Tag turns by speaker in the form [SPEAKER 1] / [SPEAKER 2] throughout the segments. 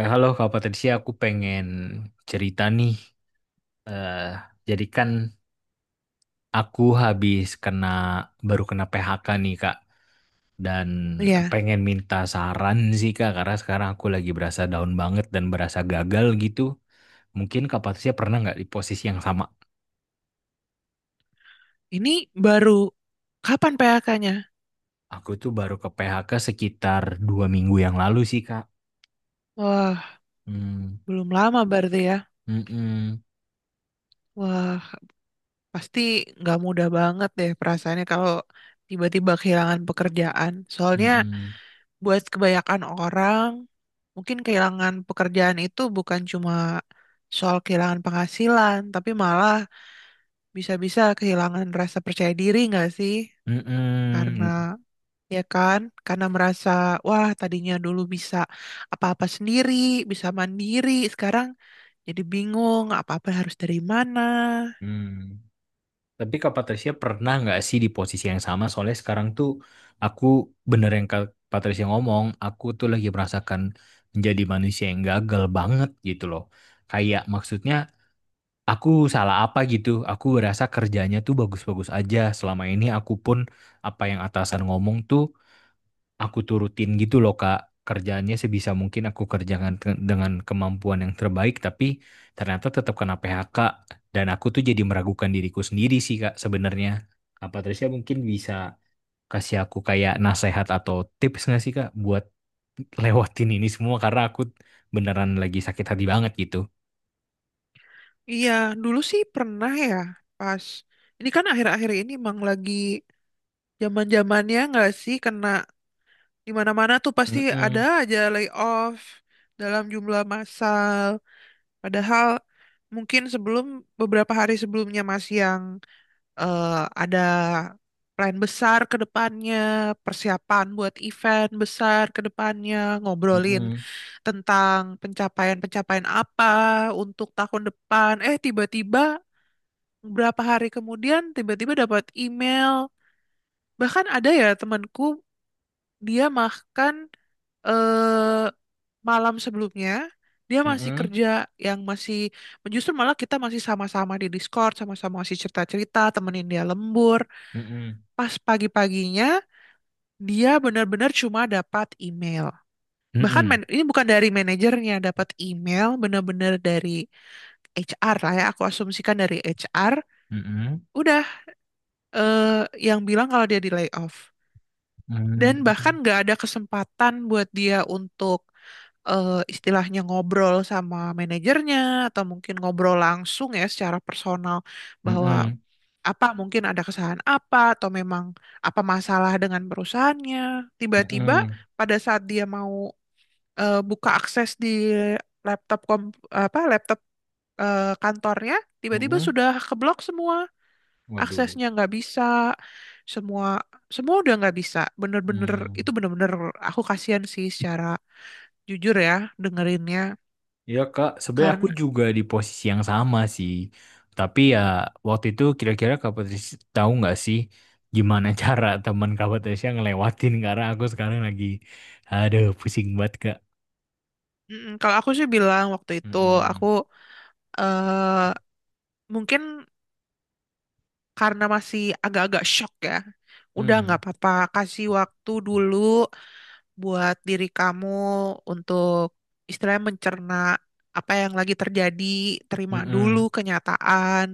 [SPEAKER 1] Halo Kak Patricia, aku pengen cerita nih. Eh, jadi kan aku habis baru kena PHK nih Kak, dan
[SPEAKER 2] Iya,
[SPEAKER 1] pengen minta saran sih Kak, karena sekarang aku lagi berasa down banget dan berasa gagal gitu. Mungkin Kak Patricia pernah nggak di posisi yang sama?
[SPEAKER 2] ini baru kapan PHK-nya?
[SPEAKER 1] Aku tuh baru ke PHK sekitar 2 minggu yang lalu sih Kak.
[SPEAKER 2] Wah,
[SPEAKER 1] Hmm,
[SPEAKER 2] belum lama berarti ya.
[SPEAKER 1] mm-mm,
[SPEAKER 2] Wah, pasti nggak mudah banget deh perasaannya kalau tiba-tiba kehilangan pekerjaan. Soalnya
[SPEAKER 1] mm-mm,
[SPEAKER 2] buat kebanyakan orang, mungkin kehilangan pekerjaan itu bukan cuma soal kehilangan penghasilan, tapi malah bisa-bisa kehilangan rasa percaya diri nggak sih? Karena
[SPEAKER 1] mm-mm,
[SPEAKER 2] ya kan? Karena merasa, wah tadinya dulu bisa apa-apa sendiri, bisa mandiri, sekarang jadi bingung apa-apa harus dari mana.
[SPEAKER 1] mm-mm. Tapi Kak Patricia pernah nggak sih di posisi yang sama? Soalnya sekarang tuh aku bener yang Kak Patricia ngomong, aku tuh lagi merasakan menjadi manusia yang gagal banget gitu loh. Kayak maksudnya aku salah apa gitu. Aku ngerasa kerjanya tuh bagus-bagus aja. Selama ini aku pun apa yang atasan ngomong tuh aku turutin gitu loh Kak. Kerjaannya sebisa mungkin aku kerjakan dengan kemampuan yang terbaik, tapi ternyata tetap kena PHK dan aku tuh jadi meragukan diriku sendiri sih Kak sebenarnya. Kak Patricia mungkin bisa kasih aku kayak nasihat atau tips nggak sih Kak buat lewatin ini semua karena aku beneran lagi sakit hati banget gitu.
[SPEAKER 2] Iya, dulu sih pernah ya, pas. Ini kan akhir-akhir ini emang lagi zaman-zamannya nggak sih kena di mana-mana tuh pasti ada
[SPEAKER 1] Mm-mm,
[SPEAKER 2] aja layoff dalam jumlah massal. Padahal mungkin sebelum beberapa hari sebelumnya masih yang eh, ada plan besar ke depannya, persiapan buat event besar ke depannya, ngobrolin
[SPEAKER 1] mm-mm,
[SPEAKER 2] tentang pencapaian-pencapaian apa untuk tahun depan. Tiba-tiba berapa hari kemudian tiba-tiba dapat email. Bahkan ada ya temanku, dia makan eh, malam sebelumnya. Dia masih
[SPEAKER 1] mm-mm,
[SPEAKER 2] kerja, yang masih, justru malah kita masih sama-sama di Discord, sama-sama masih cerita-cerita, temenin dia lembur.
[SPEAKER 1] mm-mm,
[SPEAKER 2] Pas pagi-paginya dia benar-benar cuma dapat email. Bahkan
[SPEAKER 1] mm-mm,
[SPEAKER 2] ini bukan dari manajernya, dapat email benar-benar dari HR lah ya. Aku asumsikan dari HR.
[SPEAKER 1] mm-mm,
[SPEAKER 2] Udah eh, yang bilang kalau dia di layoff. Dan bahkan
[SPEAKER 1] mm-mm,
[SPEAKER 2] nggak ada kesempatan buat dia untuk istilahnya ngobrol sama manajernya atau mungkin ngobrol langsung ya secara personal bahwa
[SPEAKER 1] mm-mm,
[SPEAKER 2] apa mungkin ada kesalahan apa atau memang apa masalah dengan perusahaannya. Tiba-tiba
[SPEAKER 1] mm-mm,
[SPEAKER 2] pada saat dia mau buka akses di laptop kom apa laptop kantornya, tiba-tiba
[SPEAKER 1] mm-mm.
[SPEAKER 2] sudah keblok semua,
[SPEAKER 1] Waduh.
[SPEAKER 2] aksesnya nggak bisa. Semua, semua udah nggak bisa, bener-bener. Itu
[SPEAKER 1] Hmm.
[SPEAKER 2] bener-bener, aku kasihan sih secara jujur ya dengerinnya,
[SPEAKER 1] Ya Kak, sebenarnya aku
[SPEAKER 2] karena...
[SPEAKER 1] juga di posisi yang sama sih. Tapi ya waktu itu kira-kira Kak Patricia tahu nggak sih gimana cara teman Kak Patricia ngelewatin karena aku sekarang lagi aduh pusing banget Kak.
[SPEAKER 2] Kalau aku sih bilang waktu itu aku
[SPEAKER 1] Mm-mm.
[SPEAKER 2] eh mungkin karena masih agak-agak shock ya, udah nggak
[SPEAKER 1] Mm.
[SPEAKER 2] apa-apa, kasih waktu dulu buat diri kamu untuk istilahnya mencerna apa yang lagi terjadi, terima dulu
[SPEAKER 1] Mm-mm.
[SPEAKER 2] kenyataan,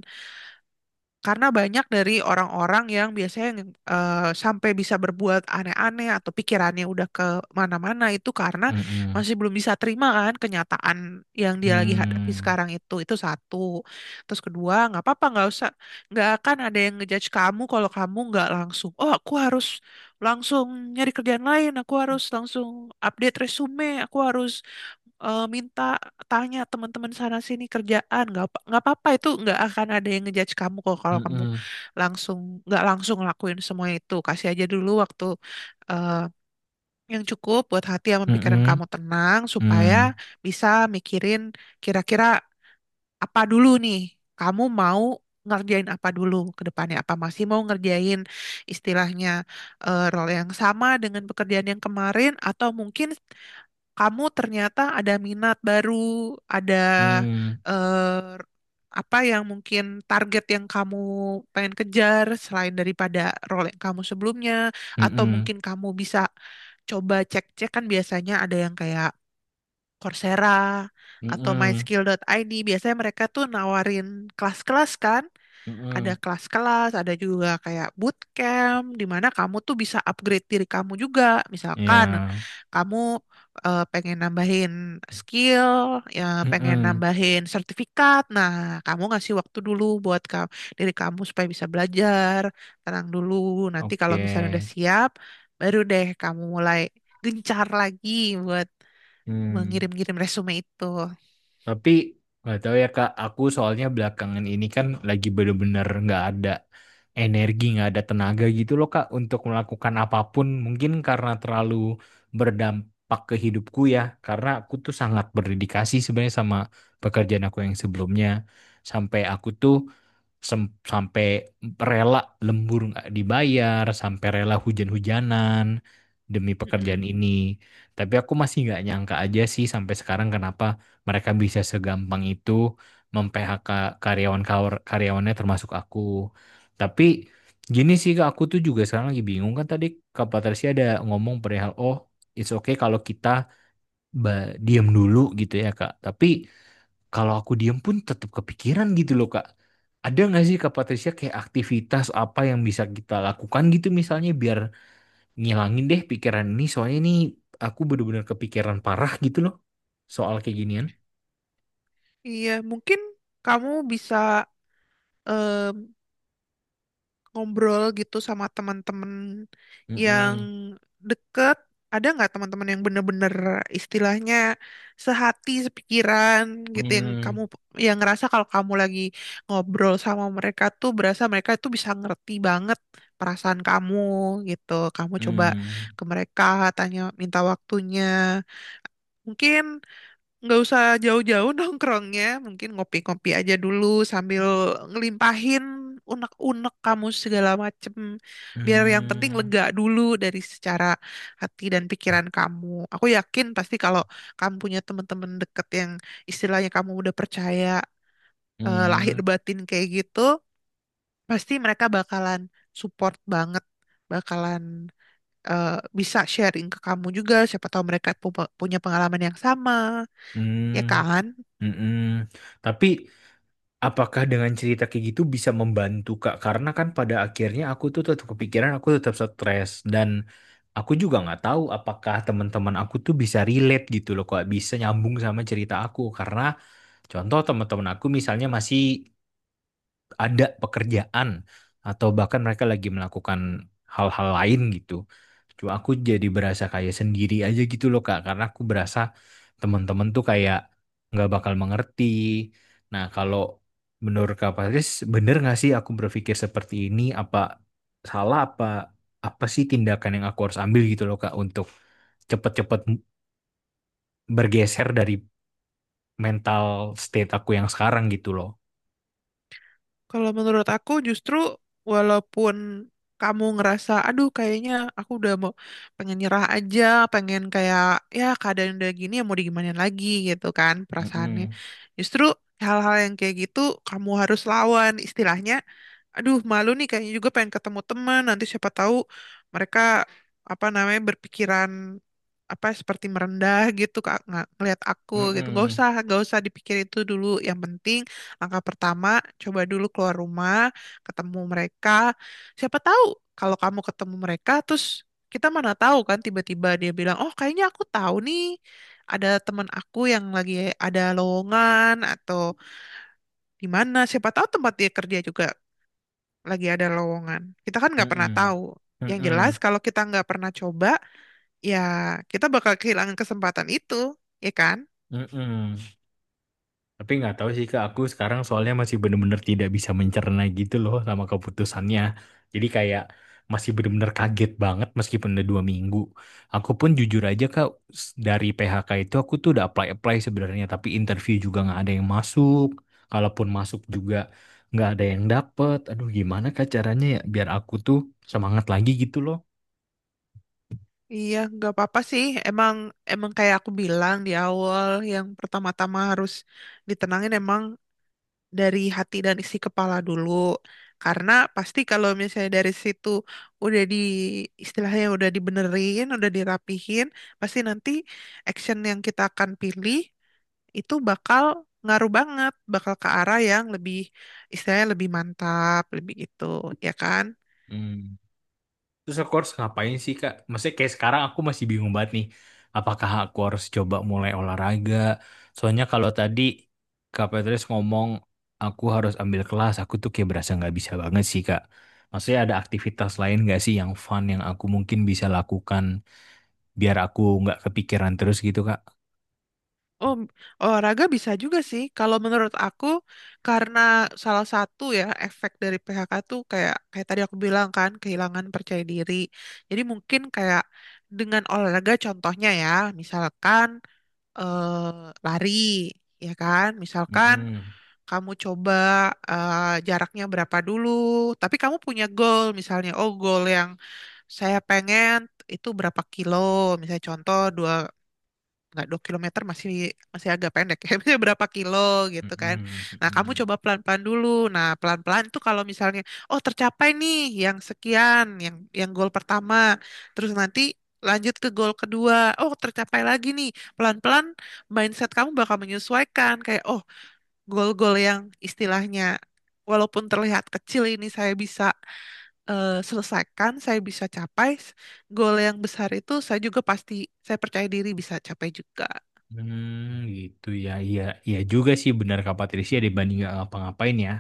[SPEAKER 2] karena banyak dari orang-orang yang biasanya yang, sampai bisa berbuat aneh-aneh atau pikirannya udah ke mana-mana itu karena
[SPEAKER 1] Mm-mm.
[SPEAKER 2] masih belum bisa terima kan kenyataan yang dia lagi hadapi
[SPEAKER 1] Mm.
[SPEAKER 2] sekarang itu. Itu satu. Terus kedua, nggak apa-apa, nggak usah, nggak akan ada yang ngejudge kamu kalau kamu nggak langsung, oh aku harus langsung nyari kerjaan lain, aku harus langsung update resume, aku harus minta tanya teman-teman sana sini kerjaan nggak apa-apa. Itu nggak akan ada yang ngejudge kamu kok kalau kamu
[SPEAKER 1] Mm-mm.
[SPEAKER 2] langsung nggak langsung lakuin semua itu. Kasih aja dulu waktu eh, yang cukup buat hati sama pikiran
[SPEAKER 1] Mm-mm.
[SPEAKER 2] kamu tenang supaya
[SPEAKER 1] Mm.
[SPEAKER 2] bisa mikirin kira-kira apa dulu nih kamu mau ngerjain apa dulu ke depannya, apa masih mau ngerjain istilahnya role yang sama dengan pekerjaan yang kemarin, atau mungkin kamu ternyata ada minat baru, ada
[SPEAKER 1] Mm.
[SPEAKER 2] eh, apa yang mungkin target yang kamu pengen kejar selain daripada role yang kamu sebelumnya, atau
[SPEAKER 1] Mm-mm.
[SPEAKER 2] mungkin kamu bisa coba cek-cek kan biasanya ada yang kayak Coursera atau
[SPEAKER 1] Mm-mm.
[SPEAKER 2] myskill.id. Biasanya mereka tuh nawarin kelas-kelas kan, ada
[SPEAKER 1] Mm-mm.
[SPEAKER 2] kelas-kelas, ada juga kayak bootcamp di mana kamu tuh bisa upgrade diri kamu juga. Misalkan
[SPEAKER 1] Ya.
[SPEAKER 2] kamu pengen nambahin skill, ya pengen
[SPEAKER 1] Mm-mm.
[SPEAKER 2] nambahin sertifikat. Nah, kamu ngasih waktu dulu buat kamu, diri kamu supaya bisa belajar, tenang dulu. Nanti kalau
[SPEAKER 1] Oke.
[SPEAKER 2] misalnya udah siap, baru deh kamu mulai gencar lagi buat
[SPEAKER 1] Hmm.
[SPEAKER 2] mengirim-ngirim resume itu.
[SPEAKER 1] Tapi nggak tahu ya Kak, aku soalnya belakangan ini kan lagi bener-bener nggak ada energi, nggak ada tenaga gitu loh Kak untuk melakukan apapun. Mungkin karena terlalu berdampak ke hidupku ya, karena aku tuh sangat berdedikasi sebenarnya sama pekerjaan aku yang sebelumnya. Sampai aku tuh sampai rela lembur nggak dibayar, sampai rela hujan-hujanan demi pekerjaan
[SPEAKER 2] Mm-mm.
[SPEAKER 1] ini. Tapi aku masih nggak nyangka aja sih sampai sekarang kenapa mereka bisa segampang itu mem-PHK karyawan karyawannya termasuk aku. Tapi gini sih Kak, aku tuh juga sekarang lagi bingung kan tadi Kak Patricia ada ngomong perihal oh it's okay kalau kita diem dulu gitu ya Kak. Tapi kalau aku diem pun tetap kepikiran gitu loh Kak. Ada nggak sih Kak Patricia kayak aktivitas apa yang bisa kita lakukan gitu misalnya biar ngilangin deh pikiran ini soalnya ini aku bener-bener kepikiran parah gitu loh soal kayak ginian.
[SPEAKER 2] Iya, mungkin kamu bisa em, ngobrol gitu sama teman-teman yang
[SPEAKER 1] Mm-mm.
[SPEAKER 2] deket? Ada nggak teman-teman yang bener-bener istilahnya sehati, sepikiran gitu, yang kamu,
[SPEAKER 1] Mm.
[SPEAKER 2] yang ngerasa kalau kamu lagi ngobrol sama mereka tuh berasa mereka tuh bisa ngerti banget perasaan kamu gitu. Kamu coba
[SPEAKER 1] Mm.
[SPEAKER 2] ke mereka tanya minta waktunya. Mungkin nggak usah jauh-jauh nongkrongnya, mungkin ngopi-ngopi aja dulu sambil ngelimpahin unek-unek kamu segala macem. Biar yang penting
[SPEAKER 1] Mm.
[SPEAKER 2] lega dulu dari secara hati dan pikiran kamu. Aku yakin pasti kalau kamu punya teman-teman deket yang istilahnya kamu udah percaya lahir
[SPEAKER 1] Mm.
[SPEAKER 2] batin kayak gitu, pasti mereka bakalan support banget, bakalan eh, bisa sharing ke kamu juga. Siapa tahu mereka punya pengalaman yang sama, ya
[SPEAKER 1] Mm.
[SPEAKER 2] kan?
[SPEAKER 1] Mm-mm. Tapi apakah dengan cerita kayak gitu bisa membantu Kak? Karena kan pada akhirnya aku tuh tetap kepikiran, aku tetap stres dan aku juga nggak tahu apakah teman-teman aku tuh bisa relate gitu loh, kok bisa nyambung sama cerita aku. Karena contoh teman-teman aku misalnya masih ada pekerjaan atau bahkan mereka lagi melakukan hal-hal lain gitu. Cuma aku jadi berasa kayak sendiri aja gitu loh Kak, karena aku berasa teman-teman tuh kayak nggak bakal mengerti. Nah, kalau menurut Kak Paris, bener nggak sih aku berpikir seperti ini? Apa salah apa apa sih tindakan yang aku harus ambil gitu loh Kak untuk cepet-cepet bergeser dari mental state aku yang sekarang gitu loh.
[SPEAKER 2] Kalau menurut aku, justru walaupun kamu ngerasa aduh kayaknya aku udah mau pengen nyerah aja, pengen kayak ya keadaan udah gini ya mau digimanain lagi gitu kan perasaannya.
[SPEAKER 1] Mm-mm.
[SPEAKER 2] Justru hal-hal yang kayak gitu kamu harus lawan istilahnya. Aduh malu nih kayaknya juga pengen ketemu teman, nanti siapa tahu mereka apa namanya berpikiran apa seperti merendah gitu kak nggak ngelihat aku gitu. nggak
[SPEAKER 1] Mm-mm.
[SPEAKER 2] usah nggak usah dipikir itu dulu, yang penting langkah pertama, coba dulu keluar rumah, ketemu mereka. Siapa tahu kalau kamu ketemu mereka, terus kita mana tahu kan tiba-tiba dia bilang, oh kayaknya aku tahu nih ada teman aku yang lagi ada lowongan atau di mana. Siapa tahu tempat dia kerja juga lagi ada lowongan. Kita kan nggak pernah
[SPEAKER 1] Mm-mm.
[SPEAKER 2] tahu. Yang jelas
[SPEAKER 1] Mm-mm.
[SPEAKER 2] kalau kita nggak pernah coba, ya kita bakal kehilangan kesempatan itu, ya kan?
[SPEAKER 1] Mm-mm. Tapi nggak tahu sih Kak, aku sekarang soalnya masih bener-bener tidak bisa mencerna gitu loh sama keputusannya. Jadi kayak masih bener-bener kaget banget meskipun udah 2 minggu. Aku pun jujur aja Kak, dari PHK itu aku tuh udah apply-apply sebenarnya, tapi interview juga nggak ada yang masuk. Kalaupun masuk juga nggak ada yang dapet. Aduh gimana Kak caranya ya biar aku tuh semangat lagi gitu
[SPEAKER 2] Iya, nggak apa-apa sih. Emang emang kayak aku bilang di awal, yang pertama-tama harus ditenangin emang dari hati dan isi kepala dulu. Karena pasti kalau misalnya dari situ udah di istilahnya udah dibenerin, udah dirapihin, pasti nanti action yang kita akan pilih itu bakal ngaruh banget, bakal ke arah yang lebih istilahnya lebih mantap, lebih itu, ya kan?
[SPEAKER 1] loh. Terus aku harus ngapain sih Kak? Maksudnya kayak sekarang aku masih bingung banget nih. Apakah aku harus coba mulai olahraga? Soalnya kalau tadi Kak Petrus ngomong aku harus ambil kelas, aku tuh kayak berasa nggak bisa banget sih Kak. Maksudnya ada aktivitas lain nggak sih yang fun yang aku mungkin bisa lakukan biar aku nggak kepikiran terus gitu Kak?
[SPEAKER 2] Oh, olahraga bisa juga sih. Kalau menurut aku, karena salah satu ya efek dari PHK tuh kayak kayak tadi aku bilang kan kehilangan percaya diri. Jadi mungkin kayak dengan olahraga contohnya ya, misalkan lari, ya kan? Misalkan
[SPEAKER 1] Mm-mm.
[SPEAKER 2] kamu coba eh, jaraknya berapa dulu, tapi kamu punya goal misalnya, oh goal yang saya pengen itu berapa kilo, misalnya contoh dua, nggak, 2 kilometer masih masih agak pendek ya. Maksudnya berapa kilo gitu kan.
[SPEAKER 1] Mm-mm.
[SPEAKER 2] Nah kamu
[SPEAKER 1] Mm-mm.
[SPEAKER 2] coba pelan-pelan dulu. Nah pelan-pelan tuh kalau misalnya oh tercapai nih yang sekian, yang goal pertama, terus nanti lanjut ke goal kedua, oh tercapai lagi nih, pelan-pelan mindset kamu bakal menyesuaikan kayak oh goal-goal yang istilahnya walaupun terlihat kecil ini saya bisa selesaikan, saya bisa capai goal yang besar itu, saya juga pasti, saya percaya diri bisa capai juga.
[SPEAKER 1] Hmm, gitu ya, iya, iya juga sih benar Kak Patricia dibanding nggak ngapa-ngapain ya.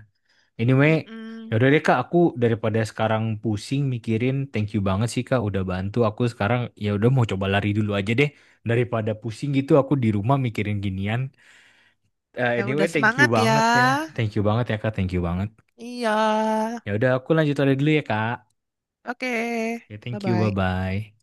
[SPEAKER 1] Anyway,
[SPEAKER 2] Mm-mm.
[SPEAKER 1] yaudah deh Kak, aku daripada sekarang pusing mikirin, thank you banget sih Kak udah bantu aku sekarang. Ya udah mau coba lari dulu aja deh daripada pusing gitu aku di rumah mikirin ginian.
[SPEAKER 2] Ya udah
[SPEAKER 1] Anyway, thank you
[SPEAKER 2] semangat ya.
[SPEAKER 1] banget ya. Thank you banget ya Kak, thank you banget.
[SPEAKER 2] Iya.
[SPEAKER 1] Ya udah aku lanjut lari dulu ya Kak.
[SPEAKER 2] Oke.
[SPEAKER 1] Ya thank you,
[SPEAKER 2] Bye-bye.
[SPEAKER 1] bye-bye.